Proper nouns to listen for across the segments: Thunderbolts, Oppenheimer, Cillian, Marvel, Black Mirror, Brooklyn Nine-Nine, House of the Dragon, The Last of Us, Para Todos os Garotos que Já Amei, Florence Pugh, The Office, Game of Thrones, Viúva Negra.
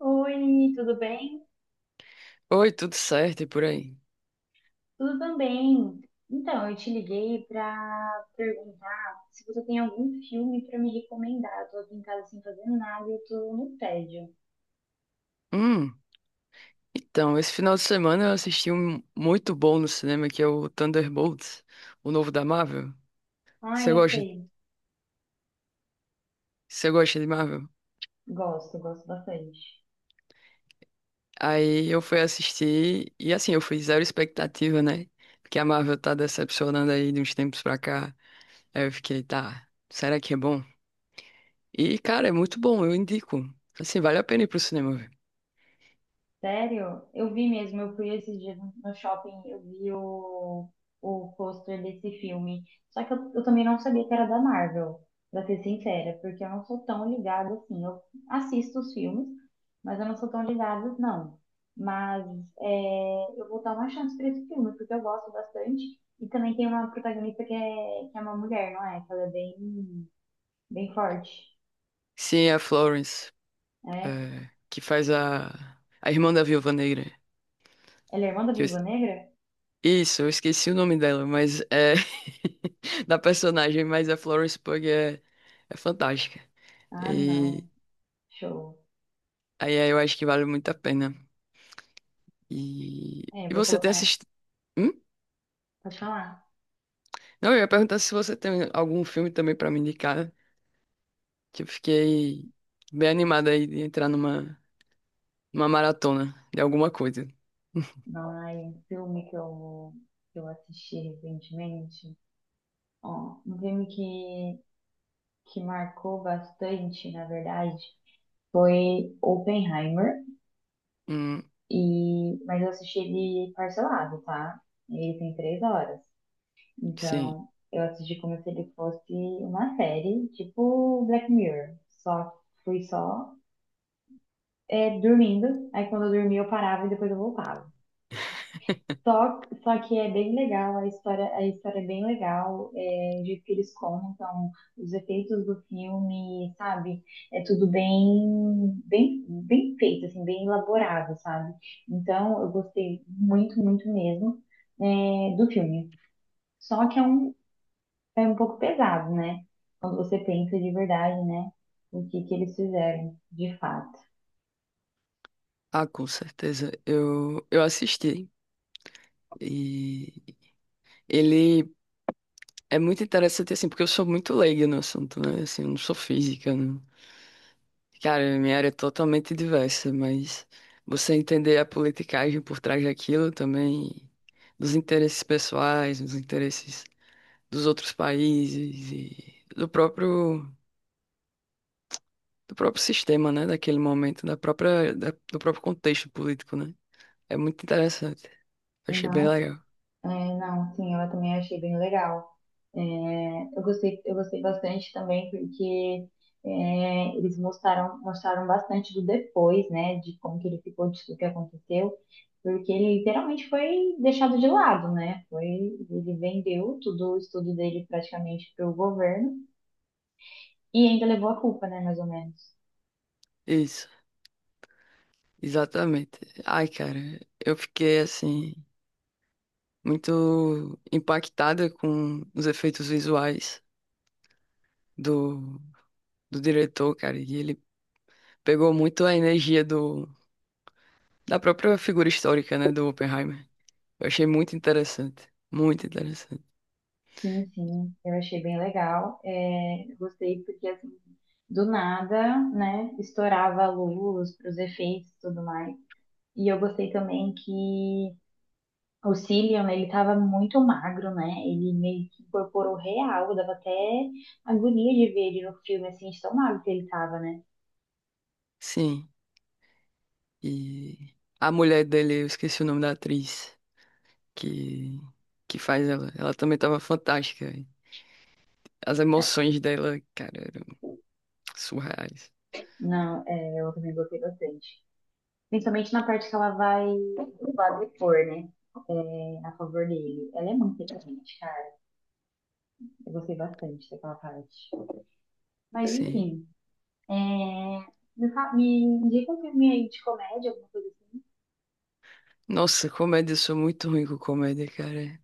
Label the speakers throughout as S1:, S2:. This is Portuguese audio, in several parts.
S1: Oi, tudo bem?
S2: Oi, tudo certo e por aí?
S1: Tudo também. Então, eu te liguei para perguntar se você tem algum filme para me recomendar. Eu tô aqui em casa sem fazer nada, e eu tô no tédio.
S2: Hum, então, esse final de semana eu assisti um muito bom no cinema que é o Thunderbolts, o novo da Marvel.
S1: Ai,
S2: Você
S1: eu
S2: gosta?
S1: sei.
S2: Você gosta de Marvel?
S1: Gosto, gosto bastante.
S2: Aí eu fui assistir e assim, eu fui zero expectativa, né? Porque a Marvel tá decepcionando aí de uns tempos pra cá. Aí eu fiquei, tá, será que é bom? E, cara, é muito bom, eu indico. Assim, vale a pena ir pro cinema ver.
S1: Sério? Eu vi mesmo, eu fui esses dias no shopping, eu vi o pôster desse filme. Só que eu também não sabia que era da Marvel, pra ser sincera, porque eu não sou tão ligada assim. Eu assisto os filmes, mas eu não sou tão ligada, não. Mas eu vou dar uma chance pra esse filme, porque eu gosto bastante. E também tem uma protagonista que é uma mulher, não é? Que ela é bem, bem forte,
S2: Sim, é a Florence,
S1: né?
S2: é, que faz a irmã da Viúva Negra.
S1: Ela é irmã da Viúva Negra?
S2: Isso, eu esqueci o nome dela, mas é da personagem, mas a Florence Pugh é, é fantástica.
S1: Ah,
S2: E
S1: não. Show.
S2: aí eu acho que vale muito a pena. E,
S1: É,
S2: e
S1: vou
S2: você tem
S1: colocar.
S2: assistido? Hum?
S1: Pode falar.
S2: Não, eu ia perguntar se você tem algum filme também pra me indicar, que eu fiquei bem animada aí de entrar numa maratona de alguma coisa.
S1: Ai, um filme que eu assisti recentemente. Ó, um filme que marcou bastante, na verdade, foi Oppenheimer.
S2: Hum,
S1: E, mas eu assisti ele parcelado, tá? Ele tem 3 horas.
S2: sim.
S1: Então, eu assisti como se ele fosse uma série, tipo Black Mirror. Só fui só dormindo. Aí quando eu dormia eu parava e depois eu voltava. Só que é bem legal, a história é bem legal, de que eles contam os efeitos do filme, sabe? É tudo bem, bem, bem feito, assim, bem elaborado, sabe? Então, eu gostei muito, muito mesmo, do filme. Só que é um pouco pesado, né? Quando você pensa de verdade, né? O que que eles fizeram, de fato.
S2: Ah, com certeza. Eu assisti. E ele é muito interessante, assim, porque eu sou muito leigo no assunto, né? Assim, eu não sou física, não. Cara, minha área é totalmente diversa, mas você entender a politicagem por trás daquilo também, dos interesses pessoais, dos interesses dos outros países e do próprio sistema, né? Daquele momento, da própria, do próprio contexto político, né? É muito interessante. Achei bem
S1: Não,
S2: legal.
S1: é, não, sim, eu também achei bem legal. É, eu gostei bastante também porque eles mostraram, mostraram bastante do depois, né, de como que ele ficou, de tudo que aconteceu, porque ele literalmente foi deixado de lado, né? Foi, ele vendeu tudo o estudo dele praticamente para o governo e ainda levou a culpa, né, mais ou menos.
S2: Isso, exatamente. Ai, cara, eu fiquei assim, muito impactada com os efeitos visuais do, do diretor, cara. E ele pegou muito a energia do, da própria figura histórica, né, do Oppenheimer. Eu achei muito interessante, muito interessante.
S1: Sim, sim, eu achei bem legal. É, eu gostei porque assim, do nada, né, estourava a luz para os efeitos e tudo mais. E eu gostei também que o Cillian, ele tava muito magro, né? Ele meio que incorporou real, dava até agonia de ver ele no filme, assim, de tão magro que ele tava, né?
S2: Sim, e a mulher dele, eu esqueci o nome da atriz que, que faz ela, ela também tava fantástica. As emoções dela, cara, eram surreais.
S1: Não, eu também gostei bastante. Principalmente na parte que ela vai lá depor, né? É, a favor dele. Ela é muito inteligente, cara. Eu gostei bastante daquela parte. Mas,
S2: Sim.
S1: enfim, é, me indica um filme aí de comédia, alguma coisa assim.
S2: Nossa, comédia, eu sou muito ruim com comédia, cara.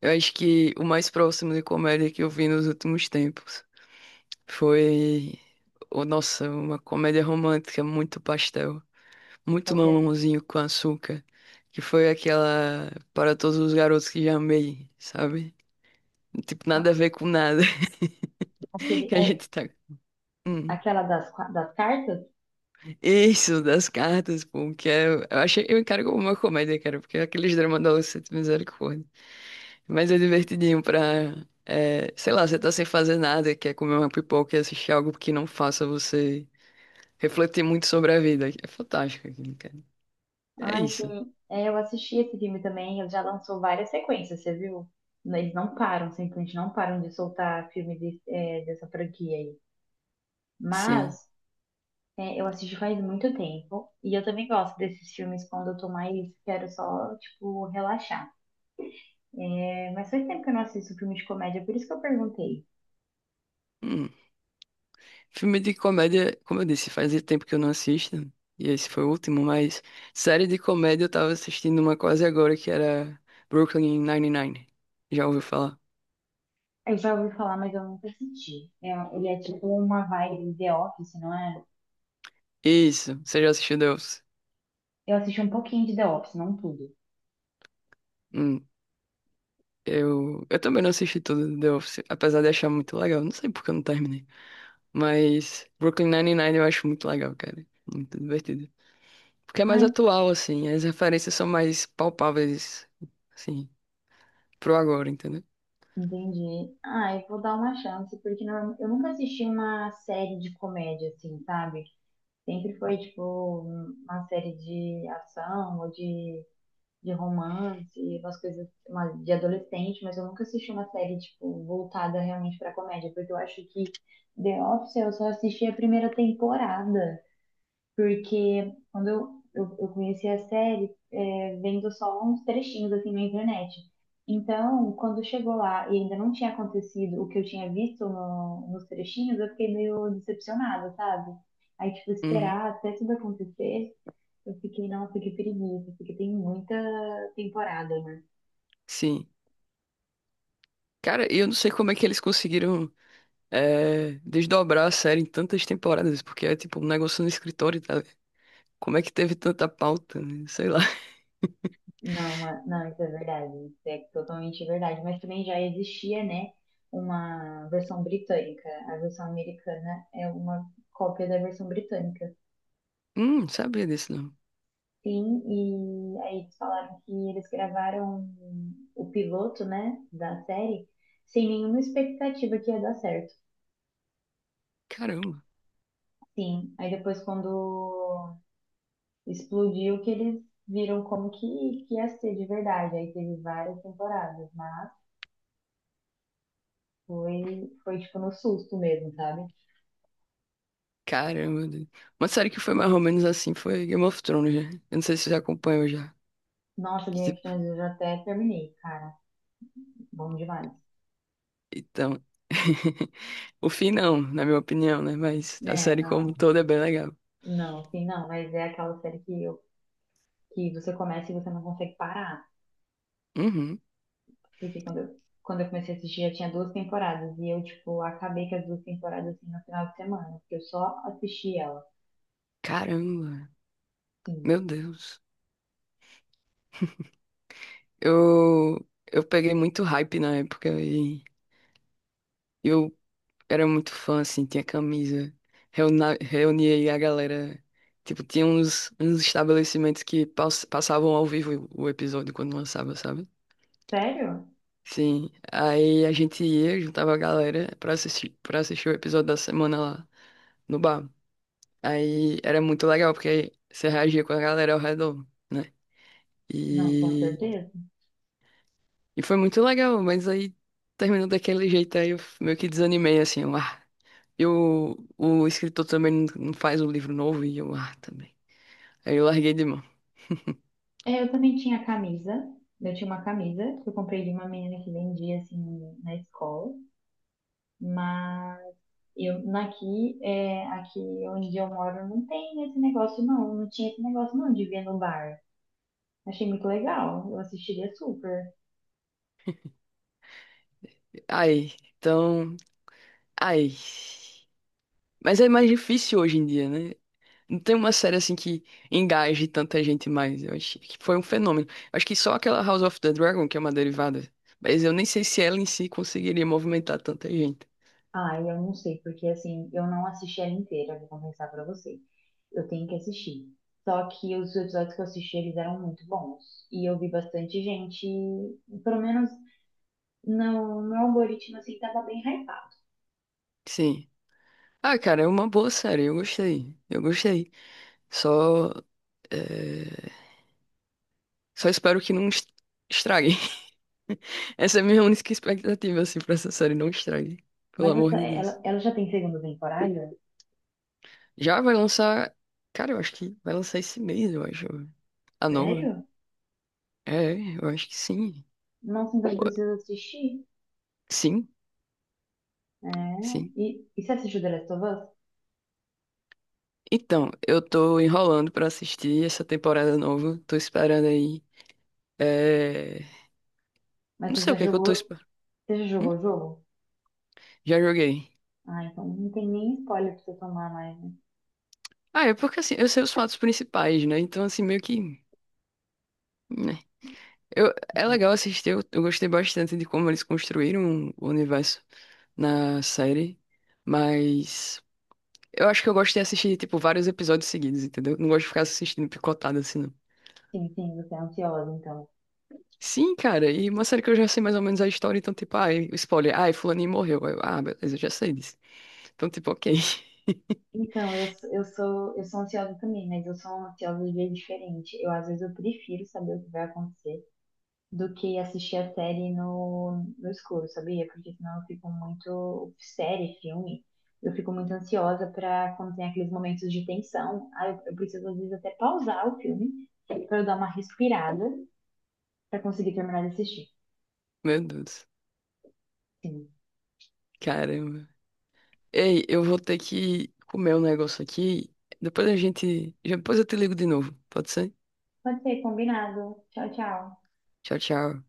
S2: Eu acho que o mais próximo de comédia que eu vi nos últimos tempos foi, oh, nossa, uma comédia romântica muito pastel, muito
S1: Qual que é?
S2: mamãozinho com açúcar, que foi aquela Para Todos os Garotos que Já Amei, sabe? Tipo, nada a
S1: Ah,
S2: ver com nada
S1: Aquele,
S2: que a
S1: é,
S2: gente tá. Hum.
S1: aquela das cartas?
S2: Isso, das cartas, pô, que é, eu achei, eu encaro como uma comédia, cara, porque é aqueles dramas adolescentes, misericórdia. Mas é divertidinho pra, é, sei lá, você tá sem fazer nada, quer comer uma pipoca e assistir algo que não faça você refletir muito sobre a vida. É fantástico aquilo, cara. É
S1: Ai,
S2: isso.
S1: sim. É, eu assisti esse filme também. Ele já lançou várias sequências, você viu? Eles não param, simplesmente não param de soltar filme dessa franquia aí. Mas
S2: Sim.
S1: eu assisti faz muito tempo. E eu também gosto desses filmes quando eu tô mais. Quero só, tipo, relaxar. É, mas faz tempo que eu não assisto filme de comédia, por isso que eu perguntei.
S2: Hum. Filme de comédia, como eu disse, fazia tempo que eu não assisto, e esse foi o último, mas série de comédia eu tava assistindo uma quase agora que era Brooklyn Nine-Nine. Já ouviu falar?
S1: Eu já ouvi falar, mas eu nunca assisti. É, ele é tipo uma vibe de The Office, não é?
S2: Isso, você já assistiu The Office?
S1: Eu assisti um pouquinho de The Office, não tudo.
S2: Hum. Eu também não assisti tudo do The Office, apesar de achar muito legal. Não sei porque eu não terminei. Mas Brooklyn Nine-Nine eu acho muito legal, cara. Muito divertido. Porque é mais atual, assim. As referências são mais palpáveis, assim, pro agora, entendeu?
S1: Entendi. Ah, eu vou dar uma chance, porque não, eu nunca assisti uma série de comédia, assim, sabe? Sempre foi, tipo, uma série de ação ou de romance, umas coisas uma, de adolescente, mas eu nunca assisti uma série, tipo, voltada realmente pra comédia, porque eu acho que The Office eu só assisti a primeira temporada. Porque quando eu conheci a série, vendo só uns trechinhos assim na internet. Então, quando chegou lá e ainda não tinha acontecido o que eu tinha visto no, nos trechinhos, eu fiquei meio decepcionada, sabe? Aí, tipo,
S2: Uhum,
S1: esperar até tudo acontecer, eu fiquei, nossa, que preguiça, porque tem muita temporada, né?
S2: sim. Cara, eu não sei como é que eles conseguiram desdobrar a série em tantas temporadas, porque é tipo um negócio no escritório, tá? Como é que teve tanta pauta, né? Sei lá.
S1: Não, isso é verdade, isso é totalmente verdade. Mas também já existia, né, uma versão britânica. A versão americana é uma cópia da versão britânica.
S2: Não sabia disso não.
S1: Sim, e aí eles falaram que eles gravaram o piloto, né, da série, sem nenhuma expectativa que ia dar certo.
S2: Caramba.
S1: Sim, aí depois quando explodiu que eles viram como que ia ser de verdade. Aí teve várias temporadas, mas foi tipo no susto mesmo, sabe?
S2: Caramba, Deus. Uma série que foi mais ou menos assim foi Game of Thrones, né? Eu não sei se você já acompanhou já.
S1: Nossa, Game of
S2: Tipo,
S1: Thrones eu já até terminei, cara. Bom demais.
S2: então. O fim não, na minha opinião, né? Mas a
S1: É,
S2: série como um
S1: não,
S2: todo é bem legal.
S1: não, sim, não. Mas é aquela série que você começa e você não consegue parar.
S2: Uhum.
S1: Porque quando eu comecei a assistir já tinha duas temporadas. E eu, tipo, acabei com as duas temporadas assim no final de semana. Porque eu só assisti ela.
S2: Caramba,
S1: Sim.
S2: meu Deus. Eu, eu peguei muito hype na época e eu era muito fã, assim, tinha camisa. Reunia aí a galera. Tipo, tinha uns, uns estabelecimentos que passavam ao vivo o episódio quando lançava, sabe?
S1: Sério?
S2: Sim. Aí a gente ia, juntava a galera pra assistir o episódio da semana lá no bar. Aí era muito legal, porque você reagia com a galera ao redor, né?
S1: Não, com
S2: E,
S1: certeza.
S2: e foi muito legal, mas aí terminou daquele jeito, aí eu meio que desanimei, assim, eu, ah. E o escritor também não faz um livro novo, e eu, ah, também. Aí eu larguei de mão.
S1: É, eu também tinha camisa. Eu tinha uma camisa que eu comprei de uma menina que vendia assim na escola. Mas. Eu, aqui onde eu moro, não tem esse negócio, não. Não tinha esse negócio, não, de ver no bar. Achei muito legal. Eu assistiria super.
S2: Aí, então, aí. Mas é mais difícil hoje em dia, né? Não tem uma série assim que engaje tanta gente mais. Eu acho que foi um fenômeno. Acho que só aquela House of the Dragon, que é uma derivada. Mas eu nem sei se ela em si conseguiria movimentar tanta gente.
S1: Ah, eu não sei, porque assim, eu não assisti ela inteira, vou confessar pra você. Eu tenho que assistir. Só que os episódios que eu assisti, eles eram muito bons. E eu vi bastante gente, pelo menos no meu algoritmo, assim, tava bem hypado.
S2: Sim. Ah, cara, é uma boa série. Eu gostei. Eu gostei. Só eh, só espero que não estrague. Essa é a minha única expectativa, assim, pra essa série. Não estrague. Pelo
S1: Mas
S2: amor
S1: essa,
S2: de Deus.
S1: ela, ela já tem segunda temporada?
S2: Já vai lançar. Cara, eu acho que vai lançar esse mês, eu acho. Ah, não.
S1: Sério?
S2: É, eu acho que sim.
S1: Nossa, então eu preciso assistir.
S2: Sim,
S1: É.
S2: sim.
S1: E você assistiu The Last of Us?
S2: Então, eu tô enrolando pra assistir essa temporada nova. Tô esperando aí. É...
S1: Mas
S2: Não
S1: você
S2: sei
S1: já
S2: o que é que eu
S1: jogou?
S2: tô esperando.
S1: Você já jogou o jogo?
S2: Já joguei.
S1: Ah, então não tem nem spoiler pra você tomar mais, né?
S2: Ah, é porque assim, eu sei os fatos principais, né? Então, assim, meio que. Né? Eu... é legal assistir, eu gostei bastante de como eles construíram o universo na série. Mas. Eu acho que eu gosto de assistir, tipo, vários episódios seguidos, entendeu? Não gosto de ficar assistindo picotado assim.
S1: Sim, sim, você é ansiosa, então.
S2: Sim, cara, e uma série que eu já sei mais ou menos a história, então, tipo, ai, spoiler, ai, fulaninho morreu. Aí eu, ah, beleza, eu já sei disso. Então, tipo, ok.
S1: Então, eu sou ansiosa também, mas eu sou ansiosa de jeito diferente. Eu, às vezes, eu prefiro saber o que vai acontecer do que assistir a série no escuro, sabia? Porque senão eu fico muito. Série, filme, eu fico muito ansiosa pra quando tem aqueles momentos de tensão. Ah, eu preciso, às vezes, até pausar o filme pra eu dar uma respirada pra conseguir terminar de assistir.
S2: Meu Deus,
S1: Sim.
S2: caramba. Ei, eu vou ter que comer um negócio aqui. Depois a gente. Depois eu te ligo de novo, pode ser?
S1: Pode ser, combinado. Tchau, tchau.
S2: Tchau, tchau.